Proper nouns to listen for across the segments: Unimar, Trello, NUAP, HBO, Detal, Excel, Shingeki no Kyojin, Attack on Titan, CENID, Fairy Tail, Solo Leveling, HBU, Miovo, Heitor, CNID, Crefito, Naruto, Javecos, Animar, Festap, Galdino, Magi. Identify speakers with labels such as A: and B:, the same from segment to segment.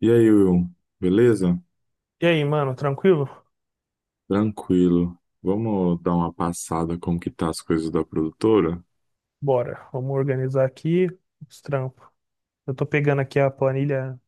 A: E aí, Will, beleza?
B: E aí, mano, tranquilo?
A: Tranquilo. Vamos dar uma passada como que tá as coisas da produtora?
B: Bora, vamos organizar aqui os trampos. Eu tô pegando aqui a planilha,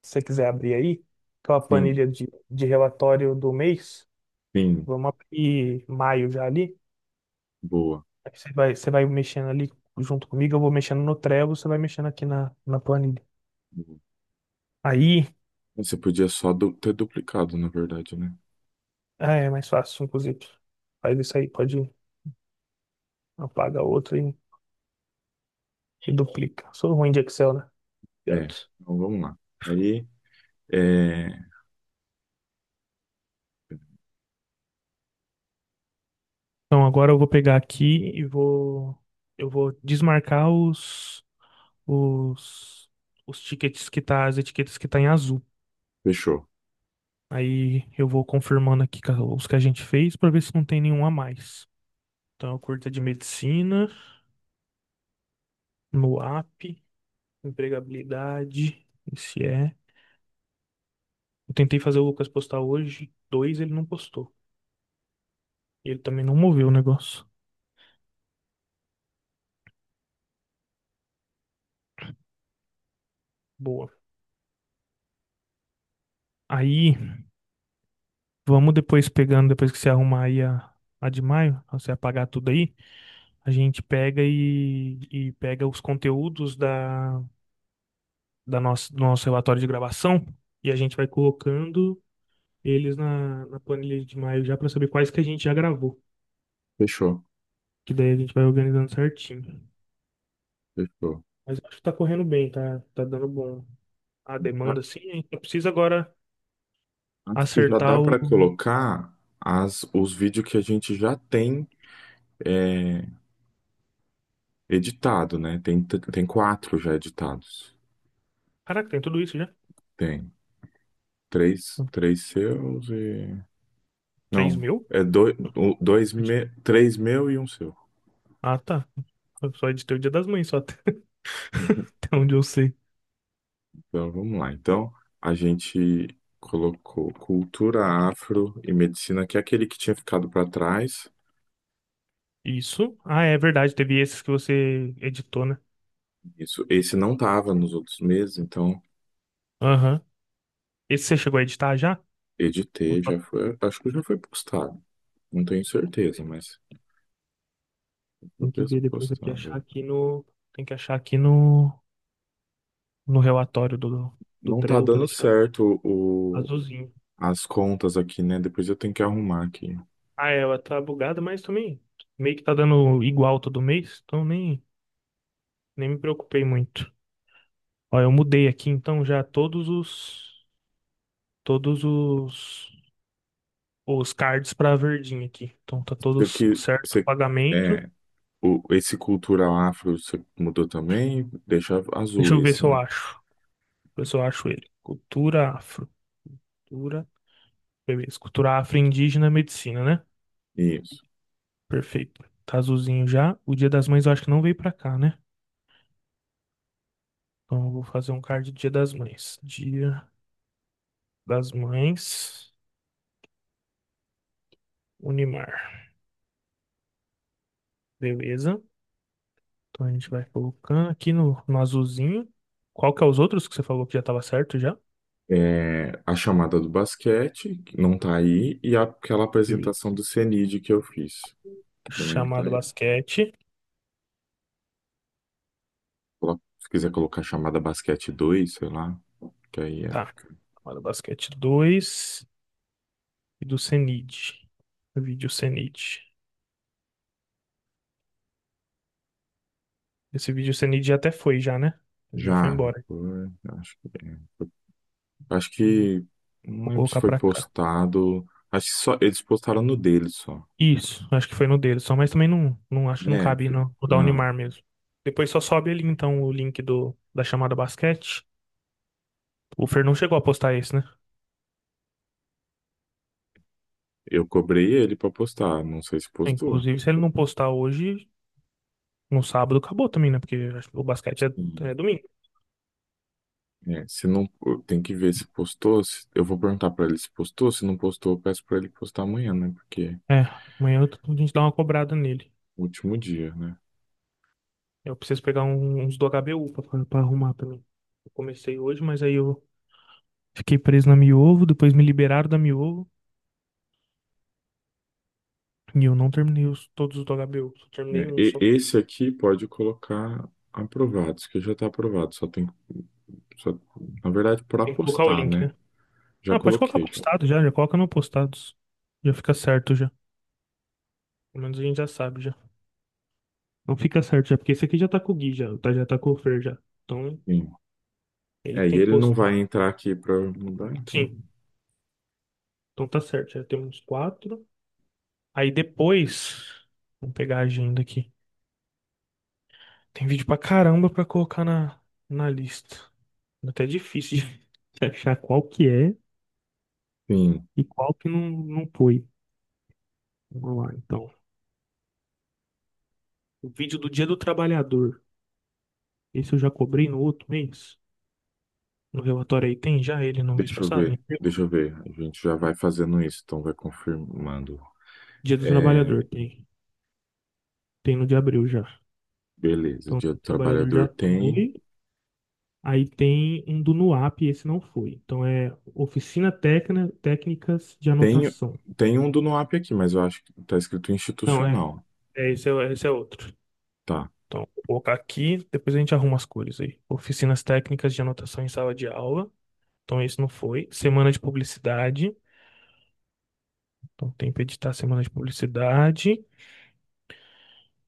B: se você quiser abrir aí, que é uma
A: Sim,
B: planilha de relatório do mês.
A: sim,
B: Vamos abrir maio já ali.
A: boa.
B: Aí você vai mexendo ali junto comigo, eu vou mexendo no Trello, você vai mexendo aqui na planilha.
A: Boa.
B: Aí,
A: Você podia só ter duplicado, na verdade, né?
B: ah, é mais fácil, inclusive. Faz isso aí, pode apagar outro e duplica. Sou ruim de Excel, né?
A: É,
B: Obrigado.
A: então vamos lá. Aí, é,
B: Então agora eu vou pegar aqui e vou eu vou desmarcar os os tickets que tá, as etiquetas que tá em azul.
A: fechou,
B: Aí eu vou confirmando aqui os que a gente fez para ver se não tem nenhum a mais. Então, a curta de medicina, no app, empregabilidade, esse é. Eu tentei fazer o Lucas postar hoje, dois ele não postou. Ele também não moveu o negócio. Boa. Aí, vamos depois pegando, depois que você arrumar aí a de maio, você apagar tudo aí. A gente pega e pega os conteúdos do nosso relatório de gravação e a gente vai colocando eles na planilha de maio já para saber quais que a gente já gravou.
A: fechou,
B: Que daí a gente vai organizando certinho.
A: fechou.
B: Mas eu acho que tá correndo bem, tá dando bom a
A: A-
B: demanda, assim. A gente só precisa agora
A: Acho que já
B: acertar
A: dá
B: o.
A: para colocar as, os vídeos que a gente já tem é, editado, né? Tem, tem quatro já editados.
B: Caraca, tem tudo isso já?
A: Tem três, três seus e
B: três
A: não,
B: mil?
A: é dois, dois três meu e um seu.
B: Ah, tá. Eu só editei o Dia das Mães, só até até onde eu sei.
A: Então vamos lá. Então a gente colocou cultura afro e medicina, que é aquele que tinha ficado para trás.
B: Isso? Ah, é verdade, teve esses que você editou, né?
A: Isso, esse não tava nos outros meses, então
B: Aham. Esse você chegou a editar já? Ou
A: editei, já
B: só-
A: foi, acho que já foi postado. Não tenho certeza, mas foi
B: Tem que ver depois aqui, achar
A: postado.
B: aqui no. Tem que achar aqui no relatório do
A: Não tá
B: Trello pra
A: dando
B: deixar
A: certo o,
B: azulzinho.
A: as contas aqui, né? Depois eu tenho que arrumar aqui.
B: Ah, ela tá bugada, mas também meio que tá dando igual todo mês, então nem me preocupei muito. Ó, eu mudei aqui então já todos os todos os cards pra verdinho aqui. Então tá
A: Isso
B: todos
A: aqui,
B: certo o
A: você,
B: pagamento.
A: é, O, esse cultural afro você mudou também, deixa
B: Deixa
A: azul
B: eu ver se
A: esse,
B: eu
A: né?
B: acho. Ver se eu acho ele. Cultura afro. Cultura Beleza. Cultura afro-indígena, medicina, né?
A: Isso.
B: Perfeito. Tá azulzinho já. O Dia das Mães eu acho que não veio pra cá, né? Então eu vou fazer um card do Dia das Mães. Dia das Mães, Unimar. Beleza. Então a gente vai colocando aqui no azulzinho. Qual que é os outros que você falou que já tava certo já?
A: É, a chamada do basquete, que não tá aí, e aquela
B: Beleza.
A: apresentação do CNID que eu fiz, que também não tá
B: Chamada
A: aí.
B: basquete.
A: Se quiser colocar a chamada basquete 2 sei lá, que aí é.
B: Tá. Chamada basquete 2 e do CENID. Vídeo CENID. Esse vídeo CENID já até foi já, né? Ele já foi
A: Já, já
B: embora.
A: foi, acho que. Acho
B: Vou
A: que. Não
B: vou
A: lembro se
B: colocar
A: foi
B: pra cá.
A: postado. Acho que só, eles postaram no dele só.
B: Isso, acho que foi no dedo só, mas também não acho que não
A: É,
B: cabe no da
A: não.
B: Unimar mesmo. Depois só sobe ali então o link da chamada basquete. O Fer não chegou a postar esse, né?
A: Eu cobrei ele pra postar, não sei se
B: É,
A: postou.
B: inclusive, se ele não postar hoje, no sábado acabou também, né? Porque acho que o basquete é domingo.
A: É, se não, tem que ver se postou. Eu vou perguntar pra ele se postou. Se não postou, eu peço pra ele postar amanhã, né? Porque é
B: É, amanhã a gente dá uma cobrada nele.
A: o último dia, né?
B: Eu preciso pegar uns do HBU pra arrumar também. Eu comecei hoje, mas aí eu fiquei preso na Miovo, depois me liberaram da Miovo e eu não terminei todos os do HBU, só terminei
A: É,
B: um só.
A: esse aqui pode colocar aprovados, que já tá aprovado. Só tem, só, na verdade, pra
B: Tem que colocar o
A: postar,
B: link,
A: né?
B: né?
A: Já
B: Ah, pode colocar
A: coloquei já.
B: postado já, já coloca no postados. Já fica certo já. Pelo menos a gente já sabe já. Não fica certo já, porque esse aqui já tá com o Gui já tá com o Fer já. Então,
A: Sim.
B: ele
A: É,
B: que
A: e
B: tem que
A: ele não
B: postar.
A: vai entrar aqui pra mudar, então.
B: Sim, então tá certo, já tem uns quatro. Aí depois, vamos pegar a agenda aqui. Tem vídeo pra caramba pra colocar na lista. Tá até difícil de de achar qual que é
A: Sim.
B: e qual que não foi. Vamos lá, então. O vídeo do Dia do Trabalhador. Esse eu já cobrei no outro mês. No relatório aí tem já ele no mês
A: Deixa eu
B: passado? Em
A: ver.
B: abril?
A: Deixa eu ver. A gente já vai fazendo isso, então vai confirmando.
B: Dia do
A: É,
B: Trabalhador tem. Tem no de abril já.
A: beleza.
B: Então,
A: Dia
B: o
A: do
B: trabalhador já
A: trabalhador tem.
B: foi. Aí tem um do NUAP, esse não foi. Então, é Oficina técnica Técnicas de
A: Tem,
B: Anotação.
A: tem um do NUAP aqui, mas eu acho que tá escrito
B: Não, é.
A: institucional.
B: É, esse é outro.
A: Tá.
B: Então, vou colocar aqui, depois a gente arruma as cores aí. Oficinas Técnicas de Anotação em Sala de Aula. Então, esse não foi. Semana de Publicidade. Então, tem para editar Semana de Publicidade.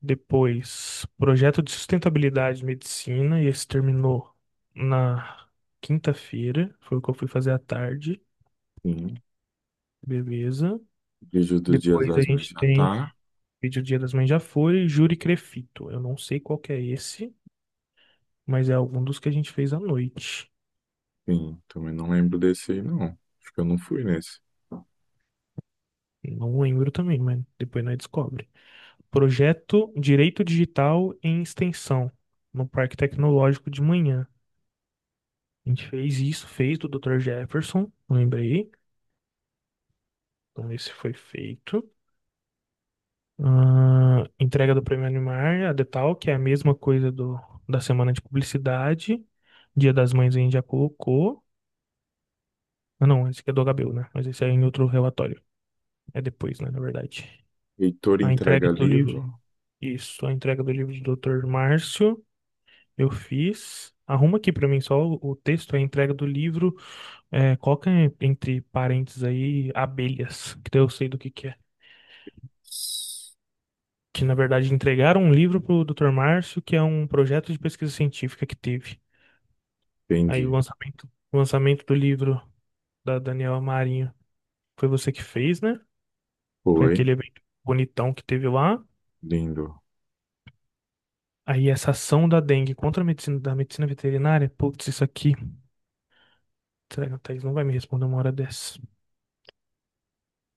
B: Depois, projeto de sustentabilidade e medicina, e esse terminou na quinta-feira, foi o que eu fui fazer à tarde,
A: Sim.
B: beleza.
A: Vídeo do Dia
B: Depois a
A: das Mães
B: gente
A: já
B: tem
A: tá.
B: vídeo Dia das Mães já foi, júri Crefito. Eu não sei qual que é esse, mas é algum dos que a gente fez à noite.
A: Sim, também não lembro desse aí, não. Acho que eu não fui nesse.
B: Não lembro também, mas depois nós descobre. Projeto Direito Digital em Extensão, no Parque Tecnológico de manhã. A gente fez isso, fez do Dr. Jefferson, lembrei. Então esse foi feito. Ah, entrega do Prêmio Animar, a Detal, que é a mesma coisa da semana de publicidade. Dia das Mães a gente já colocou. Ah, não, esse aqui é do HBO, né? Mas esse é em outro relatório. É depois, né, na verdade.
A: Heitor
B: A entrega
A: entrega
B: do livro.
A: livro.
B: Isso, a entrega do livro do Dr. Márcio, eu fiz. Arruma aqui pra mim só o texto, a entrega do livro. É, coloca entre parênteses aí abelhas, que daí eu sei do que é que na verdade entregaram um livro pro o Dr. Márcio, que é um projeto de pesquisa científica que teve. Aí o
A: Entendi.
B: lançamento, o lançamento do livro da Daniela Marinho foi você que fez, né? Foi
A: Foi.
B: aquele evento bonitão que teve lá.
A: Lindo.
B: Aí essa ação da dengue contra a medicina, da medicina veterinária, putz, isso aqui. Será que a Thaís não vai me responder uma hora dessa?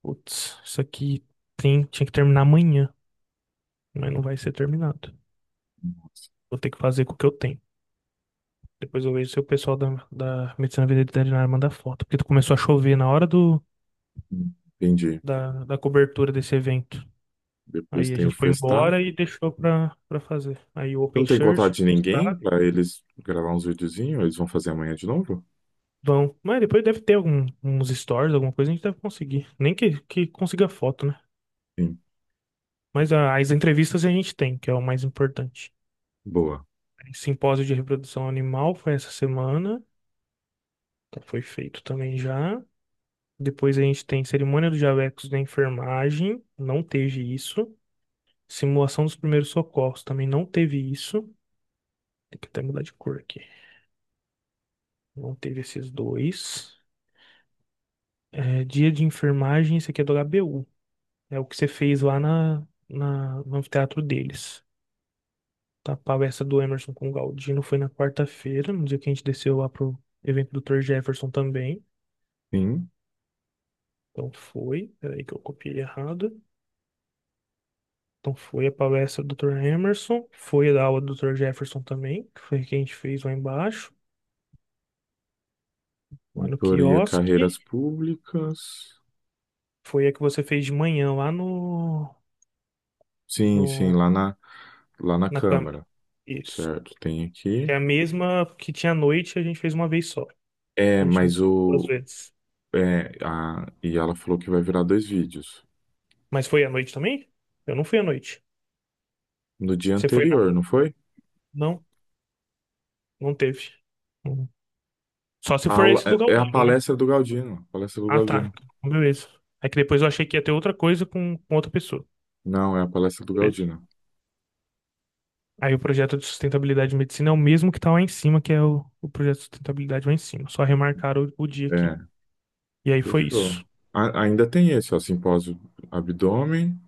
B: Putz, isso aqui tinha que terminar amanhã, mas não vai ser terminado. Vou ter que fazer com o que eu tenho. Depois eu vejo se o pessoal da medicina veterinária manda foto, porque começou a chover na hora do,
A: Entendi.
B: da, da cobertura desse evento.
A: Depois
B: Aí a
A: tem o
B: gente foi
A: Festap.
B: embora e deixou pra fazer. Aí o Open
A: Não tem
B: Shirt,
A: contato de ninguém
B: tá?
A: pra eles gravar uns videozinhos? Eles vão fazer amanhã de novo?
B: Vão. Mas depois deve ter uns stories, alguma coisa, a gente deve conseguir. Nem que consiga foto, né?
A: Sim.
B: Mas as entrevistas a gente tem, que é o mais importante.
A: Boa.
B: Simpósio de reprodução animal foi essa semana. Então foi feito também já. Depois a gente tem cerimônia do Javecos da enfermagem. Não teve isso. Simulação dos primeiros socorros também não teve isso. Tem que até mudar de cor aqui. Não teve esses dois. É, dia de enfermagem, isso aqui é do HBU. É o que você fez lá no anfiteatro deles. Tá, a palestra do Emerson com o Galdino foi na quarta-feira, no dia que a gente desceu lá pro evento do Dr. Jefferson também.
A: Sim.
B: Então foi, peraí que eu copiei errado. Então foi a palestra do Dr. Emerson, foi a da aula do Dr. Jefferson também, que foi a que a gente fez lá embaixo, lá no
A: Mentoria Carreiras
B: quiosque.
A: Públicas.
B: Foi a que você fez de manhã lá no,
A: Sim, sim,
B: no,
A: lá na
B: na câmera.
A: Câmara,
B: Isso.
A: certo? Tem
B: Que
A: aqui.
B: é a mesma que tinha à noite, a gente fez uma vez só.
A: É,
B: A gente não
A: mas
B: duas
A: o.
B: vezes.
A: É, a, e ela falou que vai virar dois vídeos.
B: Mas foi à noite também? Eu não fui à noite.
A: No dia
B: Você foi na.
A: anterior, não foi?
B: Não, não teve. Uhum. Só se
A: A
B: for
A: aula,
B: esse do
A: é a
B: Galdino, né?
A: palestra do Galdino. Palestra do
B: Ah,
A: Galdino.
B: tá. Então, beleza. É que depois eu achei que ia ter outra coisa com outra pessoa.
A: Não, é a palestra do
B: Beleza.
A: Galdino.
B: Aí o projeto de sustentabilidade e medicina é o mesmo que tá lá em cima, que é o projeto de sustentabilidade lá em cima. Só remarcaram o dia aqui.
A: É,
B: E aí foi
A: fechou.
B: isso.
A: Ainda tem esse, ó, simpósio abdômen,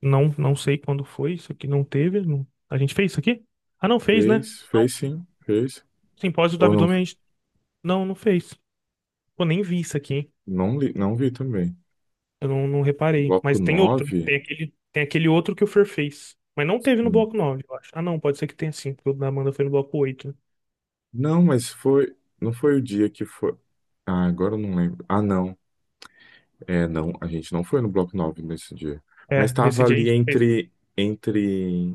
B: Não, não sei quando foi, isso aqui não teve. A gente fez isso aqui? Ah, não fez, né?
A: fez, fez sim, fez.
B: Simpósio do
A: Ou não,
B: abdômen. Não, não fez. Pô, nem vi isso aqui, hein?
A: não li, não vi também.
B: Eu não reparei.
A: Bloco
B: Mas tem outro, né?
A: nove.
B: Tem aquele outro que o Fer fez. Mas não teve no bloco 9, eu acho. Ah, não, pode ser que tenha sim, porque o da Amanda foi no bloco oito, né?
A: Não, mas foi. Não foi o dia que foi. Ah, agora eu não lembro. Ah, não. É, não. A gente não foi no Bloco 9 nesse dia. Mas
B: É, nesse
A: tava
B: dia a
A: ali
B: gente fez.
A: entre. Entre.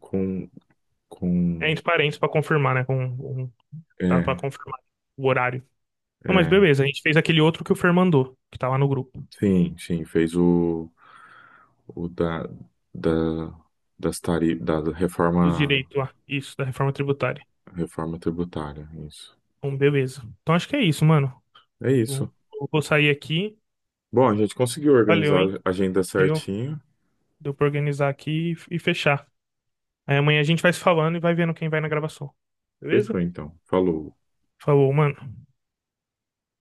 A: Com.
B: É
A: Com.
B: entre parênteses pra confirmar, né? Tá pra
A: É,
B: confirmar o horário. Não, mas
A: é.
B: beleza, a gente fez aquele outro que o Fer mandou, que tá lá no grupo.
A: Sim, sim. Fez o. O da. Da. Das tari, da
B: Os
A: reforma.
B: direitos lá, isso, da reforma tributária.
A: Reforma tributária. Isso.
B: Então, beleza. Então acho que é isso, mano.
A: É isso.
B: Vou, vou sair aqui.
A: Bom, a gente conseguiu
B: Valeu,
A: organizar
B: hein?
A: a agenda
B: Deu,
A: certinho.
B: deu pra organizar aqui e fechar. Aí amanhã a gente vai se falando e vai vendo quem vai na gravação. Beleza?
A: Fechou, então. Falou.
B: Falou, mano.